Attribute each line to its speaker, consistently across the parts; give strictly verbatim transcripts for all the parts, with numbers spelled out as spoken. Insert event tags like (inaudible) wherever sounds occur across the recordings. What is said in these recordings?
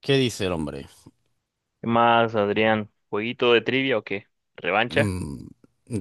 Speaker 1: ¿Qué dice el hombre?
Speaker 2: ¿Qué más, Adrián? ¿Jueguito de trivia o qué? ¿Revancha?
Speaker 1: Mm,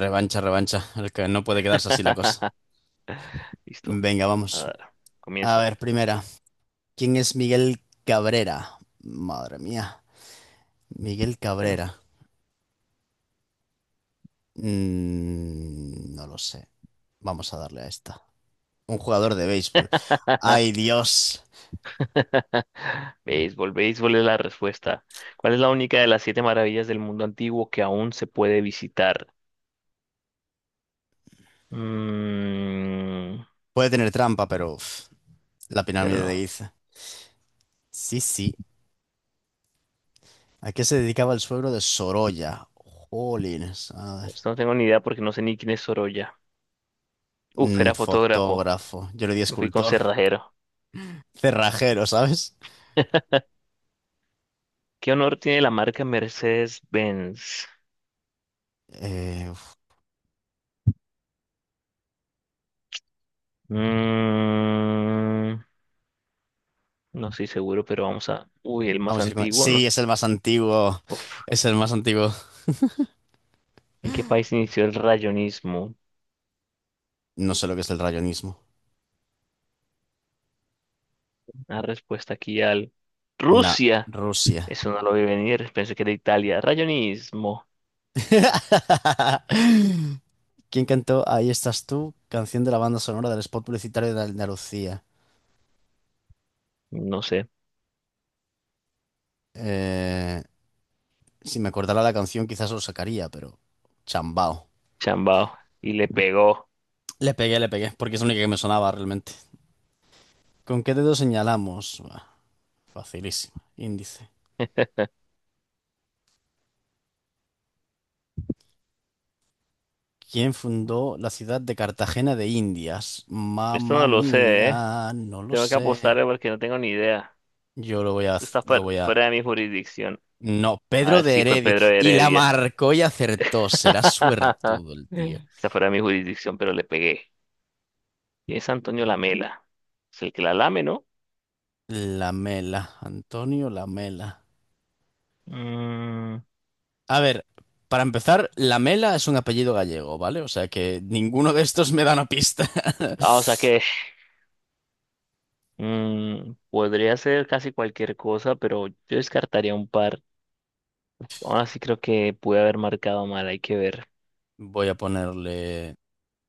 Speaker 1: revancha, revancha. El que no puede quedarse así la cosa.
Speaker 2: (laughs) Listo.
Speaker 1: Venga, vamos.
Speaker 2: Ah,
Speaker 1: A
Speaker 2: comienza.
Speaker 1: ver, primera. ¿Quién es Miguel Cabrera? Madre mía. Miguel
Speaker 2: Bueno.
Speaker 1: Cabrera. Mm, no lo sé. Vamos a darle a esta. Un jugador de béisbol. ¡Ay,
Speaker 2: (laughs)
Speaker 1: Dios!
Speaker 2: Béisbol, béisbol es la respuesta. ¿Cuál es la única de las siete maravillas del mundo antiguo que aún se puede visitar? Mm,
Speaker 1: Puede tener trampa, pero... uf, la
Speaker 2: pero
Speaker 1: pirámide de
Speaker 2: no.
Speaker 1: Giza. Sí, sí. ¿A qué se dedicaba el suegro de Sorolla? Jolines. A ver.
Speaker 2: Esto no tengo ni idea porque no sé ni quién es Sorolla. Uf,
Speaker 1: Mm,
Speaker 2: era fotógrafo.
Speaker 1: fotógrafo. Yo le di
Speaker 2: Me fui con
Speaker 1: escultor.
Speaker 2: cerrajero.
Speaker 1: Cerrajero, ¿sabes?
Speaker 2: (laughs) ¿Qué honor tiene la marca Mercedes-Benz?
Speaker 1: Eh, uf,
Speaker 2: Mm, No estoy seguro, pero vamos a... Uy, el más
Speaker 1: vamos a ir con...
Speaker 2: antiguo. No...
Speaker 1: Sí,
Speaker 2: s-
Speaker 1: es el más antiguo.
Speaker 2: Uf.
Speaker 1: Es el más antiguo.
Speaker 2: ¿En qué país inició el rayonismo?
Speaker 1: No sé lo que es el rayonismo.
Speaker 2: La respuesta aquí al...
Speaker 1: No,
Speaker 2: Rusia.
Speaker 1: Rusia.
Speaker 2: Eso no lo vi venir. Pensé que era Italia. Rayonismo.
Speaker 1: (laughs) ¿Quién cantó Ahí estás tú? Canción de la banda sonora del spot publicitario de Andalucía.
Speaker 2: No sé.
Speaker 1: Eh, si me acordara la canción, quizás lo sacaría, pero... Chambao.
Speaker 2: Chambao. Y le pegó.
Speaker 1: Le pegué, le pegué, porque es la única que me sonaba realmente. ¿Con qué dedo señalamos? Buah, facilísimo. Índice. ¿Quién fundó la ciudad de Cartagena de Indias?
Speaker 2: Esto
Speaker 1: Mamma
Speaker 2: no lo sé, ¿eh?
Speaker 1: mía, no lo
Speaker 2: Tengo que
Speaker 1: sé.
Speaker 2: apostarle porque no tengo ni idea.
Speaker 1: Yo lo voy a,
Speaker 2: Esto está
Speaker 1: lo
Speaker 2: fuera,
Speaker 1: voy a.
Speaker 2: fuera de mi jurisdicción.
Speaker 1: No, Pedro
Speaker 2: Ah,
Speaker 1: de
Speaker 2: sí, fue
Speaker 1: Heredia.
Speaker 2: Pedro
Speaker 1: Y la
Speaker 2: Heredia.
Speaker 1: marcó y acertó. Será
Speaker 2: (laughs)
Speaker 1: suertudo el tío.
Speaker 2: Está fuera de mi jurisdicción, pero le pegué. Y es Antonio Lamela. Es el que la lame, ¿no?
Speaker 1: Lamela, Antonio Lamela.
Speaker 2: Mm,
Speaker 1: A ver, para empezar, Lamela es un apellido gallego, ¿vale? O sea que ninguno de estos me da una pista. (laughs)
Speaker 2: Ah, o sea que (laughs) mm, podría ser casi cualquier cosa, pero yo descartaría un par. Ahora sí creo que pude haber marcado mal, hay que ver.
Speaker 1: Voy a ponerle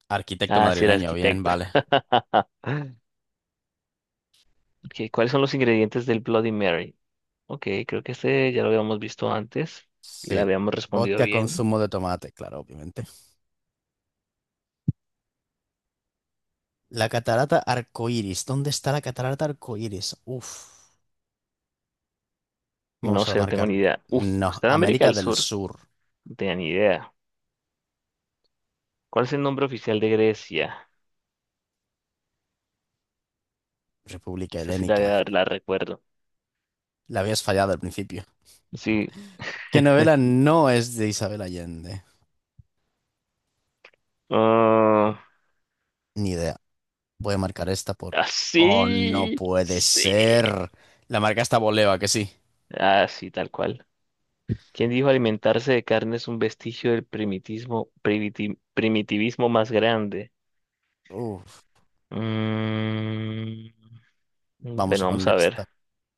Speaker 1: arquitecto
Speaker 2: Ah, sí, era
Speaker 1: madrileño, bien,
Speaker 2: arquitecto.
Speaker 1: vale.
Speaker 2: (laughs) Ok, ¿cuáles son los ingredientes del Bloody Mary? Ok, creo que este ya lo habíamos visto antes y la
Speaker 1: Sí.
Speaker 2: habíamos respondido
Speaker 1: Vodka con
Speaker 2: bien.
Speaker 1: zumo de tomate, claro, obviamente. La catarata arcoíris. ¿Dónde está la catarata arcoíris? Uf.
Speaker 2: No
Speaker 1: Vamos a
Speaker 2: sé, no tengo ni
Speaker 1: marcarle.
Speaker 2: idea. Uf,
Speaker 1: No,
Speaker 2: está en América
Speaker 1: América
Speaker 2: del
Speaker 1: del
Speaker 2: Sur.
Speaker 1: Sur.
Speaker 2: No tenía ni idea. ¿Cuál es el nombre oficial de Grecia?
Speaker 1: República
Speaker 2: Esta sí
Speaker 1: Helénica.
Speaker 2: la, la recuerdo.
Speaker 1: La habías fallado al principio.
Speaker 2: Sí.
Speaker 1: ¿Qué novela no es de Isabel Allende?
Speaker 2: ah,
Speaker 1: Ni idea. Voy a marcar esta por...
Speaker 2: ah,
Speaker 1: Oh, no
Speaker 2: sí.
Speaker 1: puede
Speaker 2: Sí.
Speaker 1: ser. La marca está Boleva, que sí.
Speaker 2: Ah, sí, tal cual. ¿Quién dijo alimentarse de carne es un vestigio del primitismo, primiti- primitivismo más grande?
Speaker 1: Uf.
Speaker 2: Mm,
Speaker 1: Vamos
Speaker 2: bueno,
Speaker 1: a
Speaker 2: vamos a
Speaker 1: poner
Speaker 2: ver.
Speaker 1: esta.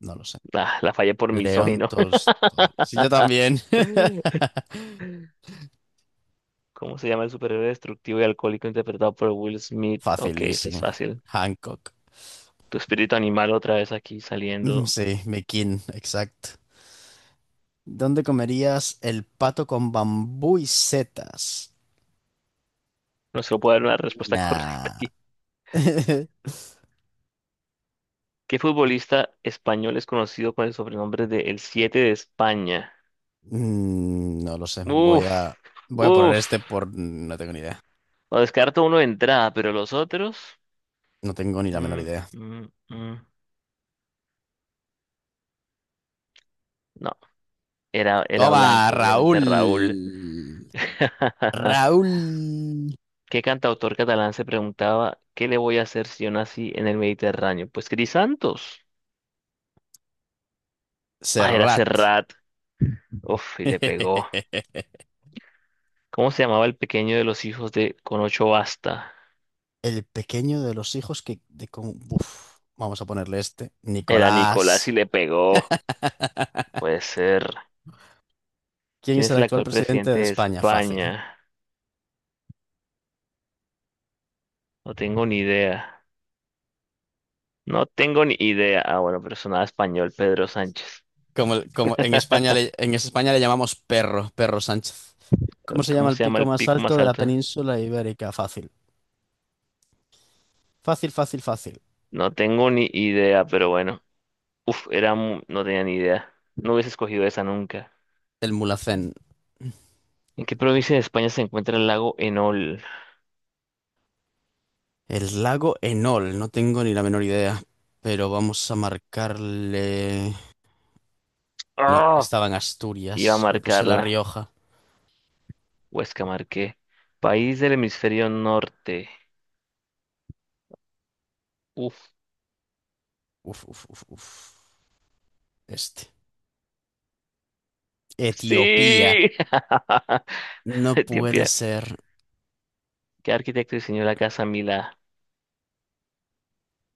Speaker 1: No lo sé.
Speaker 2: Ah, la fallé por
Speaker 1: León
Speaker 2: misógino.
Speaker 1: Tolstoy. Sí, yo también.
Speaker 2: (laughs) ¿Cómo se llama el superhéroe destructivo y alcohólico interpretado por Will
Speaker 1: (laughs)
Speaker 2: Smith? Ok, esta es
Speaker 1: Facilísimo.
Speaker 2: fácil.
Speaker 1: Hancock.
Speaker 2: Tu espíritu animal otra vez aquí
Speaker 1: Mm,
Speaker 2: saliendo.
Speaker 1: sí, McKean, exacto. ¿Dónde comerías el pato con bambú y setas?
Speaker 2: No se puede dar una respuesta (laughs) correcta
Speaker 1: Nah.
Speaker 2: aquí.
Speaker 1: (laughs)
Speaker 2: ¿Qué futbolista español es conocido con el sobrenombre de El Siete de España?
Speaker 1: Mm, no lo sé. Voy a,
Speaker 2: Uf,
Speaker 1: voy a poner
Speaker 2: uf.
Speaker 1: este por... No tengo ni idea.
Speaker 2: O descarto uno de entrada, pero los otros.
Speaker 1: No tengo ni la menor
Speaker 2: mm,
Speaker 1: idea.
Speaker 2: mm, mm, No, era, era
Speaker 1: Toma,
Speaker 2: blanco, obviamente Raúl.
Speaker 1: Raúl.
Speaker 2: (laughs)
Speaker 1: Raúl
Speaker 2: ¿Qué cantautor catalán se preguntaba qué le voy a hacer si yo nací en el Mediterráneo? Pues Santos. Ah, era
Speaker 1: Serrat.
Speaker 2: Serrat. Uf, y le pegó.
Speaker 1: (laughs)
Speaker 2: ¿Cómo se llamaba el pequeño de los hijos de Con ocho basta?
Speaker 1: El pequeño de los hijos que... De con... Uf, vamos a ponerle este.
Speaker 2: Era Nicolás y
Speaker 1: Nicolás.
Speaker 2: le pegó.
Speaker 1: (laughs)
Speaker 2: Puede ser.
Speaker 1: ¿Quién
Speaker 2: ¿Quién
Speaker 1: es el
Speaker 2: es el
Speaker 1: actual
Speaker 2: actual
Speaker 1: presidente
Speaker 2: presidente
Speaker 1: de
Speaker 2: de
Speaker 1: España? Fácil.
Speaker 2: España? No tengo ni idea. No tengo ni idea. Ah, bueno, pero sonaba español, Pedro Sánchez.
Speaker 1: Como, como en España le, en España le llamamos perro, perro Sánchez. ¿Cómo se llama
Speaker 2: ¿Cómo
Speaker 1: el
Speaker 2: se llama
Speaker 1: pico
Speaker 2: el
Speaker 1: más
Speaker 2: pico
Speaker 1: alto
Speaker 2: más
Speaker 1: de la
Speaker 2: alto?
Speaker 1: península ibérica? Fácil. Fácil, fácil, fácil.
Speaker 2: No tengo ni idea, pero bueno. Uf, era, mu- no tenía ni idea. No hubiese escogido esa nunca.
Speaker 1: El Mulhacén.
Speaker 2: ¿En qué provincia de España se encuentra el lago Enol?
Speaker 1: El lago Enol, no tengo ni la menor idea, pero vamos a marcarle... No,
Speaker 2: ¡Ah!
Speaker 1: estaba en
Speaker 2: Iba a
Speaker 1: Asturias, le puse La
Speaker 2: marcarla.
Speaker 1: Rioja.
Speaker 2: Huesca marqué. País del hemisferio norte. Uf.
Speaker 1: Uf, uf, uf, uf. Este. Etiopía.
Speaker 2: Sí. (laughs)
Speaker 1: No puede
Speaker 2: Etiopía.
Speaker 1: ser.
Speaker 2: ¿Qué arquitecto diseñó la casa Mila?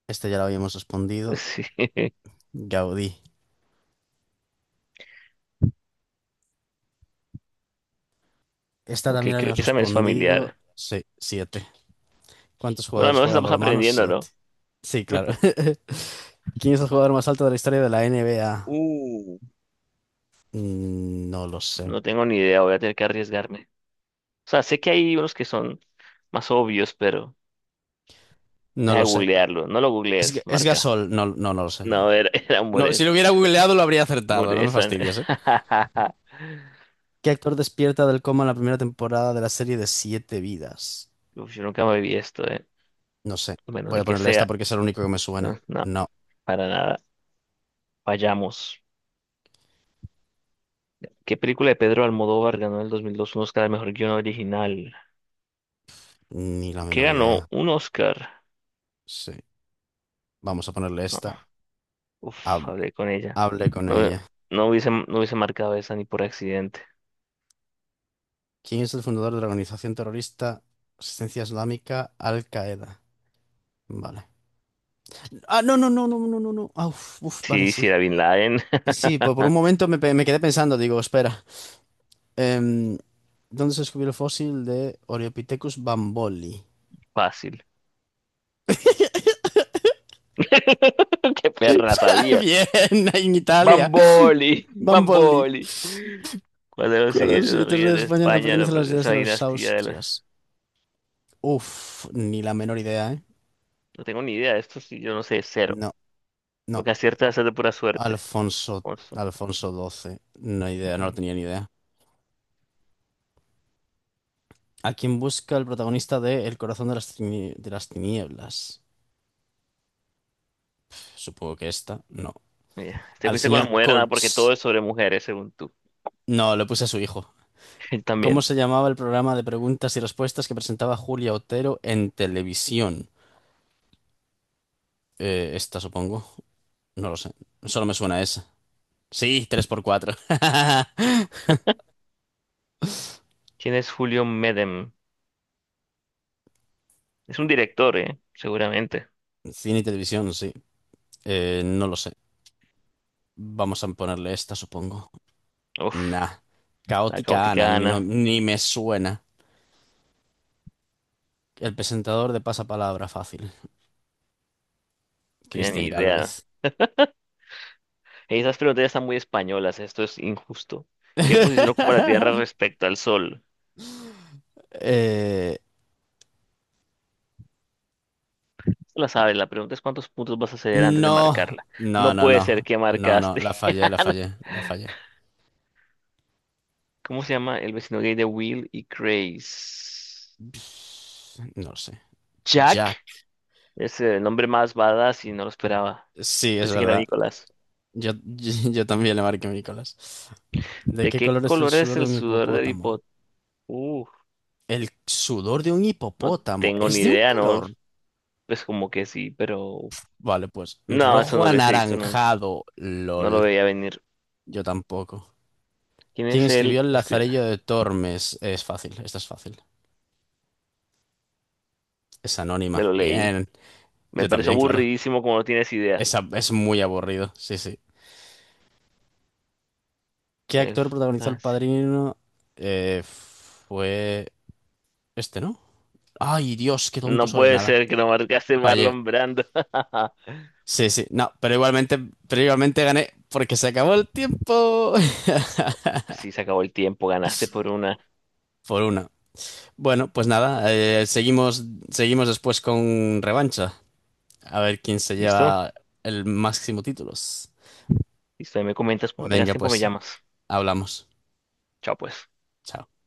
Speaker 1: Este ya lo habíamos respondido.
Speaker 2: Sí. (laughs)
Speaker 1: Gaudí. Esta
Speaker 2: Ok,
Speaker 1: también la
Speaker 2: creo,
Speaker 1: habíamos
Speaker 2: esa me es
Speaker 1: respondido.
Speaker 2: familiar.
Speaker 1: Sí, sí. ¿Cuántos
Speaker 2: Bueno, al
Speaker 1: jugadores
Speaker 2: menos
Speaker 1: juegan
Speaker 2: estamos
Speaker 1: balonmano?
Speaker 2: aprendiendo,
Speaker 1: Siete.
Speaker 2: ¿no?
Speaker 1: Sí, claro. (laughs) ¿Quién es el jugador más alto de la historia de la N B A?
Speaker 2: Uh,
Speaker 1: Mm, no lo sé.
Speaker 2: No tengo ni idea, voy a tener que arriesgarme. O sea, sé que hay unos que son más obvios, pero
Speaker 1: No
Speaker 2: deja de
Speaker 1: lo sé.
Speaker 2: googlearlo. No lo
Speaker 1: ¿Es,
Speaker 2: googlees,
Speaker 1: es
Speaker 2: marca.
Speaker 1: Gasol? No, no, no lo sé. No.
Speaker 2: No, era, (laughs) era
Speaker 1: No, si
Speaker 2: Mures.
Speaker 1: lo hubiera googleado lo habría acertado. No me
Speaker 2: Mures. (laughs)
Speaker 1: fastidies, ¿eh? ¿Qué actor despierta del coma en la primera temporada de la serie de Siete Vidas?
Speaker 2: Uf, yo nunca me vi esto, eh.
Speaker 1: No sé.
Speaker 2: Bueno,
Speaker 1: Voy a
Speaker 2: el que
Speaker 1: ponerle esta
Speaker 2: sea.
Speaker 1: porque es el único que me suena.
Speaker 2: Eh, No,
Speaker 1: No,
Speaker 2: para nada. Vayamos. ¿Qué película de Pedro Almodóvar ganó en el dos mil dos un Oscar al mejor guion original?
Speaker 1: ni la
Speaker 2: ¿Qué
Speaker 1: menor
Speaker 2: ganó?
Speaker 1: idea.
Speaker 2: ¿Un Oscar?
Speaker 1: Sí. Vamos a ponerle
Speaker 2: No,
Speaker 1: esta.
Speaker 2: uf,
Speaker 1: Hab-
Speaker 2: hablé con ella.
Speaker 1: hable con
Speaker 2: No,
Speaker 1: ella.
Speaker 2: no hubiese, no hubiese marcado esa ni por accidente.
Speaker 1: ¿Quién es el fundador de la organización terrorista Asistencia Islámica Al-Qaeda? Vale. Ah, no, no, no, no, no, no, no. Ah, uf, uf, vale,
Speaker 2: Sí, si
Speaker 1: sí.
Speaker 2: era Bin Laden,
Speaker 1: Sí,
Speaker 2: (laughs)
Speaker 1: sí, por, por un momento me, pe- me quedé pensando, digo, espera. Em, ¿dónde se descubrió el fósil de Oreopithecus bamboli?
Speaker 2: fácil. (laughs) Qué perra,
Speaker 1: (laughs)
Speaker 2: sabía.
Speaker 1: Bien, en Italia.
Speaker 2: Bamboli,
Speaker 1: Bamboli.
Speaker 2: Bamboli. ¿Cuál (laughs) de los
Speaker 1: ¿Cuál de los
Speaker 2: siguientes
Speaker 1: siete reyes
Speaker 2: reyes
Speaker 1: de
Speaker 2: de
Speaker 1: España no
Speaker 2: España
Speaker 1: pertenece
Speaker 2: no
Speaker 1: a las ideas
Speaker 2: pertenece a
Speaker 1: de
Speaker 2: la
Speaker 1: los
Speaker 2: dinastía de la...
Speaker 1: Austrias? Uf, ni la menor idea, ¿eh?
Speaker 2: No tengo ni idea de esto, si yo no sé, cero.
Speaker 1: No,
Speaker 2: Lo
Speaker 1: no.
Speaker 2: que acierta es de pura suerte.
Speaker 1: Alfonso,
Speaker 2: Alfonso.
Speaker 1: Alfonso doce. No
Speaker 2: Mm,
Speaker 1: idea, no lo
Speaker 2: mm.
Speaker 1: tenía ni idea. ¿A quién busca el protagonista de El corazón de las, tini- de las tinieblas? Supongo que esta, no.
Speaker 2: Te
Speaker 1: Al
Speaker 2: fuiste con la
Speaker 1: señor
Speaker 2: mujer, nada, porque todo
Speaker 1: Kurtz.
Speaker 2: es sobre mujeres, según tú.
Speaker 1: No, le puse a su hijo.
Speaker 2: (laughs) Él
Speaker 1: ¿Cómo
Speaker 2: también.
Speaker 1: se llamaba el programa de preguntas y respuestas que presentaba Julia Otero en televisión? Eh, esta, supongo. No lo sé. Solo me suena a esa. Sí, tres por cuatro. (laughs)
Speaker 2: ¿Quién es Julio Medem? Es un director, ¿eh? Seguramente.
Speaker 1: Cine y televisión, sí. Eh, no lo sé. Vamos a ponerle esta, supongo.
Speaker 2: Uf,
Speaker 1: Nah.
Speaker 2: la
Speaker 1: Caótica Ana,
Speaker 2: caótica
Speaker 1: ni,
Speaker 2: Ana.
Speaker 1: no-
Speaker 2: No
Speaker 1: ni me suena. El presentador de Pasapalabra, fácil.
Speaker 2: tenía ni
Speaker 1: Cristian
Speaker 2: idea.
Speaker 1: Galvez.
Speaker 2: Esas preguntas ya están muy españolas, esto es injusto. ¿Qué posición ocupa la Tierra
Speaker 1: (laughs)
Speaker 2: respecto al Sol?
Speaker 1: Eh,
Speaker 2: La sabes, la pregunta es cuántos puntos vas a ceder antes de
Speaker 1: no,
Speaker 2: marcarla.
Speaker 1: no,
Speaker 2: No
Speaker 1: no,
Speaker 2: puede ser
Speaker 1: no.
Speaker 2: que
Speaker 1: No, no,
Speaker 2: marcaste.
Speaker 1: la fallé, la fallé, la fallé.
Speaker 2: (laughs) ¿Cómo se llama el vecino gay de Will y Grace?
Speaker 1: No lo sé.
Speaker 2: Jack.
Speaker 1: Jack.
Speaker 2: Es el nombre más badass y no lo esperaba.
Speaker 1: Sí, es
Speaker 2: Pensé que era
Speaker 1: verdad.
Speaker 2: Nicolás.
Speaker 1: Yo, (laughs) yo, yo también le marqué Nicolás. ¿De
Speaker 2: ¿De
Speaker 1: qué
Speaker 2: qué
Speaker 1: color es el
Speaker 2: color es
Speaker 1: sudor de
Speaker 2: el
Speaker 1: un
Speaker 2: sudor del
Speaker 1: hipopótamo?
Speaker 2: hipot? Uf,
Speaker 1: El sudor de un
Speaker 2: no
Speaker 1: hipopótamo
Speaker 2: tengo
Speaker 1: es
Speaker 2: ni
Speaker 1: de un
Speaker 2: idea, ¿no?
Speaker 1: color.
Speaker 2: Pues como que sí, pero...
Speaker 1: Vale, pues
Speaker 2: No, eso no
Speaker 1: rojo
Speaker 2: lo hubiese visto nunca.
Speaker 1: anaranjado.
Speaker 2: No lo
Speaker 1: LOL.
Speaker 2: veía venir.
Speaker 1: Yo tampoco.
Speaker 2: ¿Quién
Speaker 1: ¿Quién
Speaker 2: es
Speaker 1: escribió
Speaker 2: él?
Speaker 1: El
Speaker 2: Es que
Speaker 1: Lazarillo de Tormes? Es fácil, esta es fácil. Es
Speaker 2: me
Speaker 1: anónima.
Speaker 2: lo leí.
Speaker 1: Bien.
Speaker 2: Me
Speaker 1: Yo
Speaker 2: pareció
Speaker 1: también, claro.
Speaker 2: aburridísimo como no tienes idea.
Speaker 1: Esa es muy aburrido. Sí, sí. ¿Qué
Speaker 2: El...
Speaker 1: actor protagonizó El Padrino? Eh, fue este, ¿no? Ay, Dios, qué tonto
Speaker 2: No
Speaker 1: soy.
Speaker 2: puede
Speaker 1: Nada.
Speaker 2: ser que no marcaste
Speaker 1: Oye.
Speaker 2: Marlon Brando. (laughs)
Speaker 1: Sí, sí. No, pero igualmente, pero igualmente gané porque se acabó el tiempo.
Speaker 2: Sí, se acabó el tiempo, ganaste por una.
Speaker 1: (laughs) Por una. Bueno, pues nada, eh, seguimos, seguimos después con revancha. A ver quién se
Speaker 2: ¿Listo?
Speaker 1: lleva el máximo títulos.
Speaker 2: Listo, ahí me comentas cuando tengas
Speaker 1: Venga,
Speaker 2: tiempo, me
Speaker 1: pues,
Speaker 2: llamas.
Speaker 1: hablamos.
Speaker 2: Chao, pues.
Speaker 1: Chao.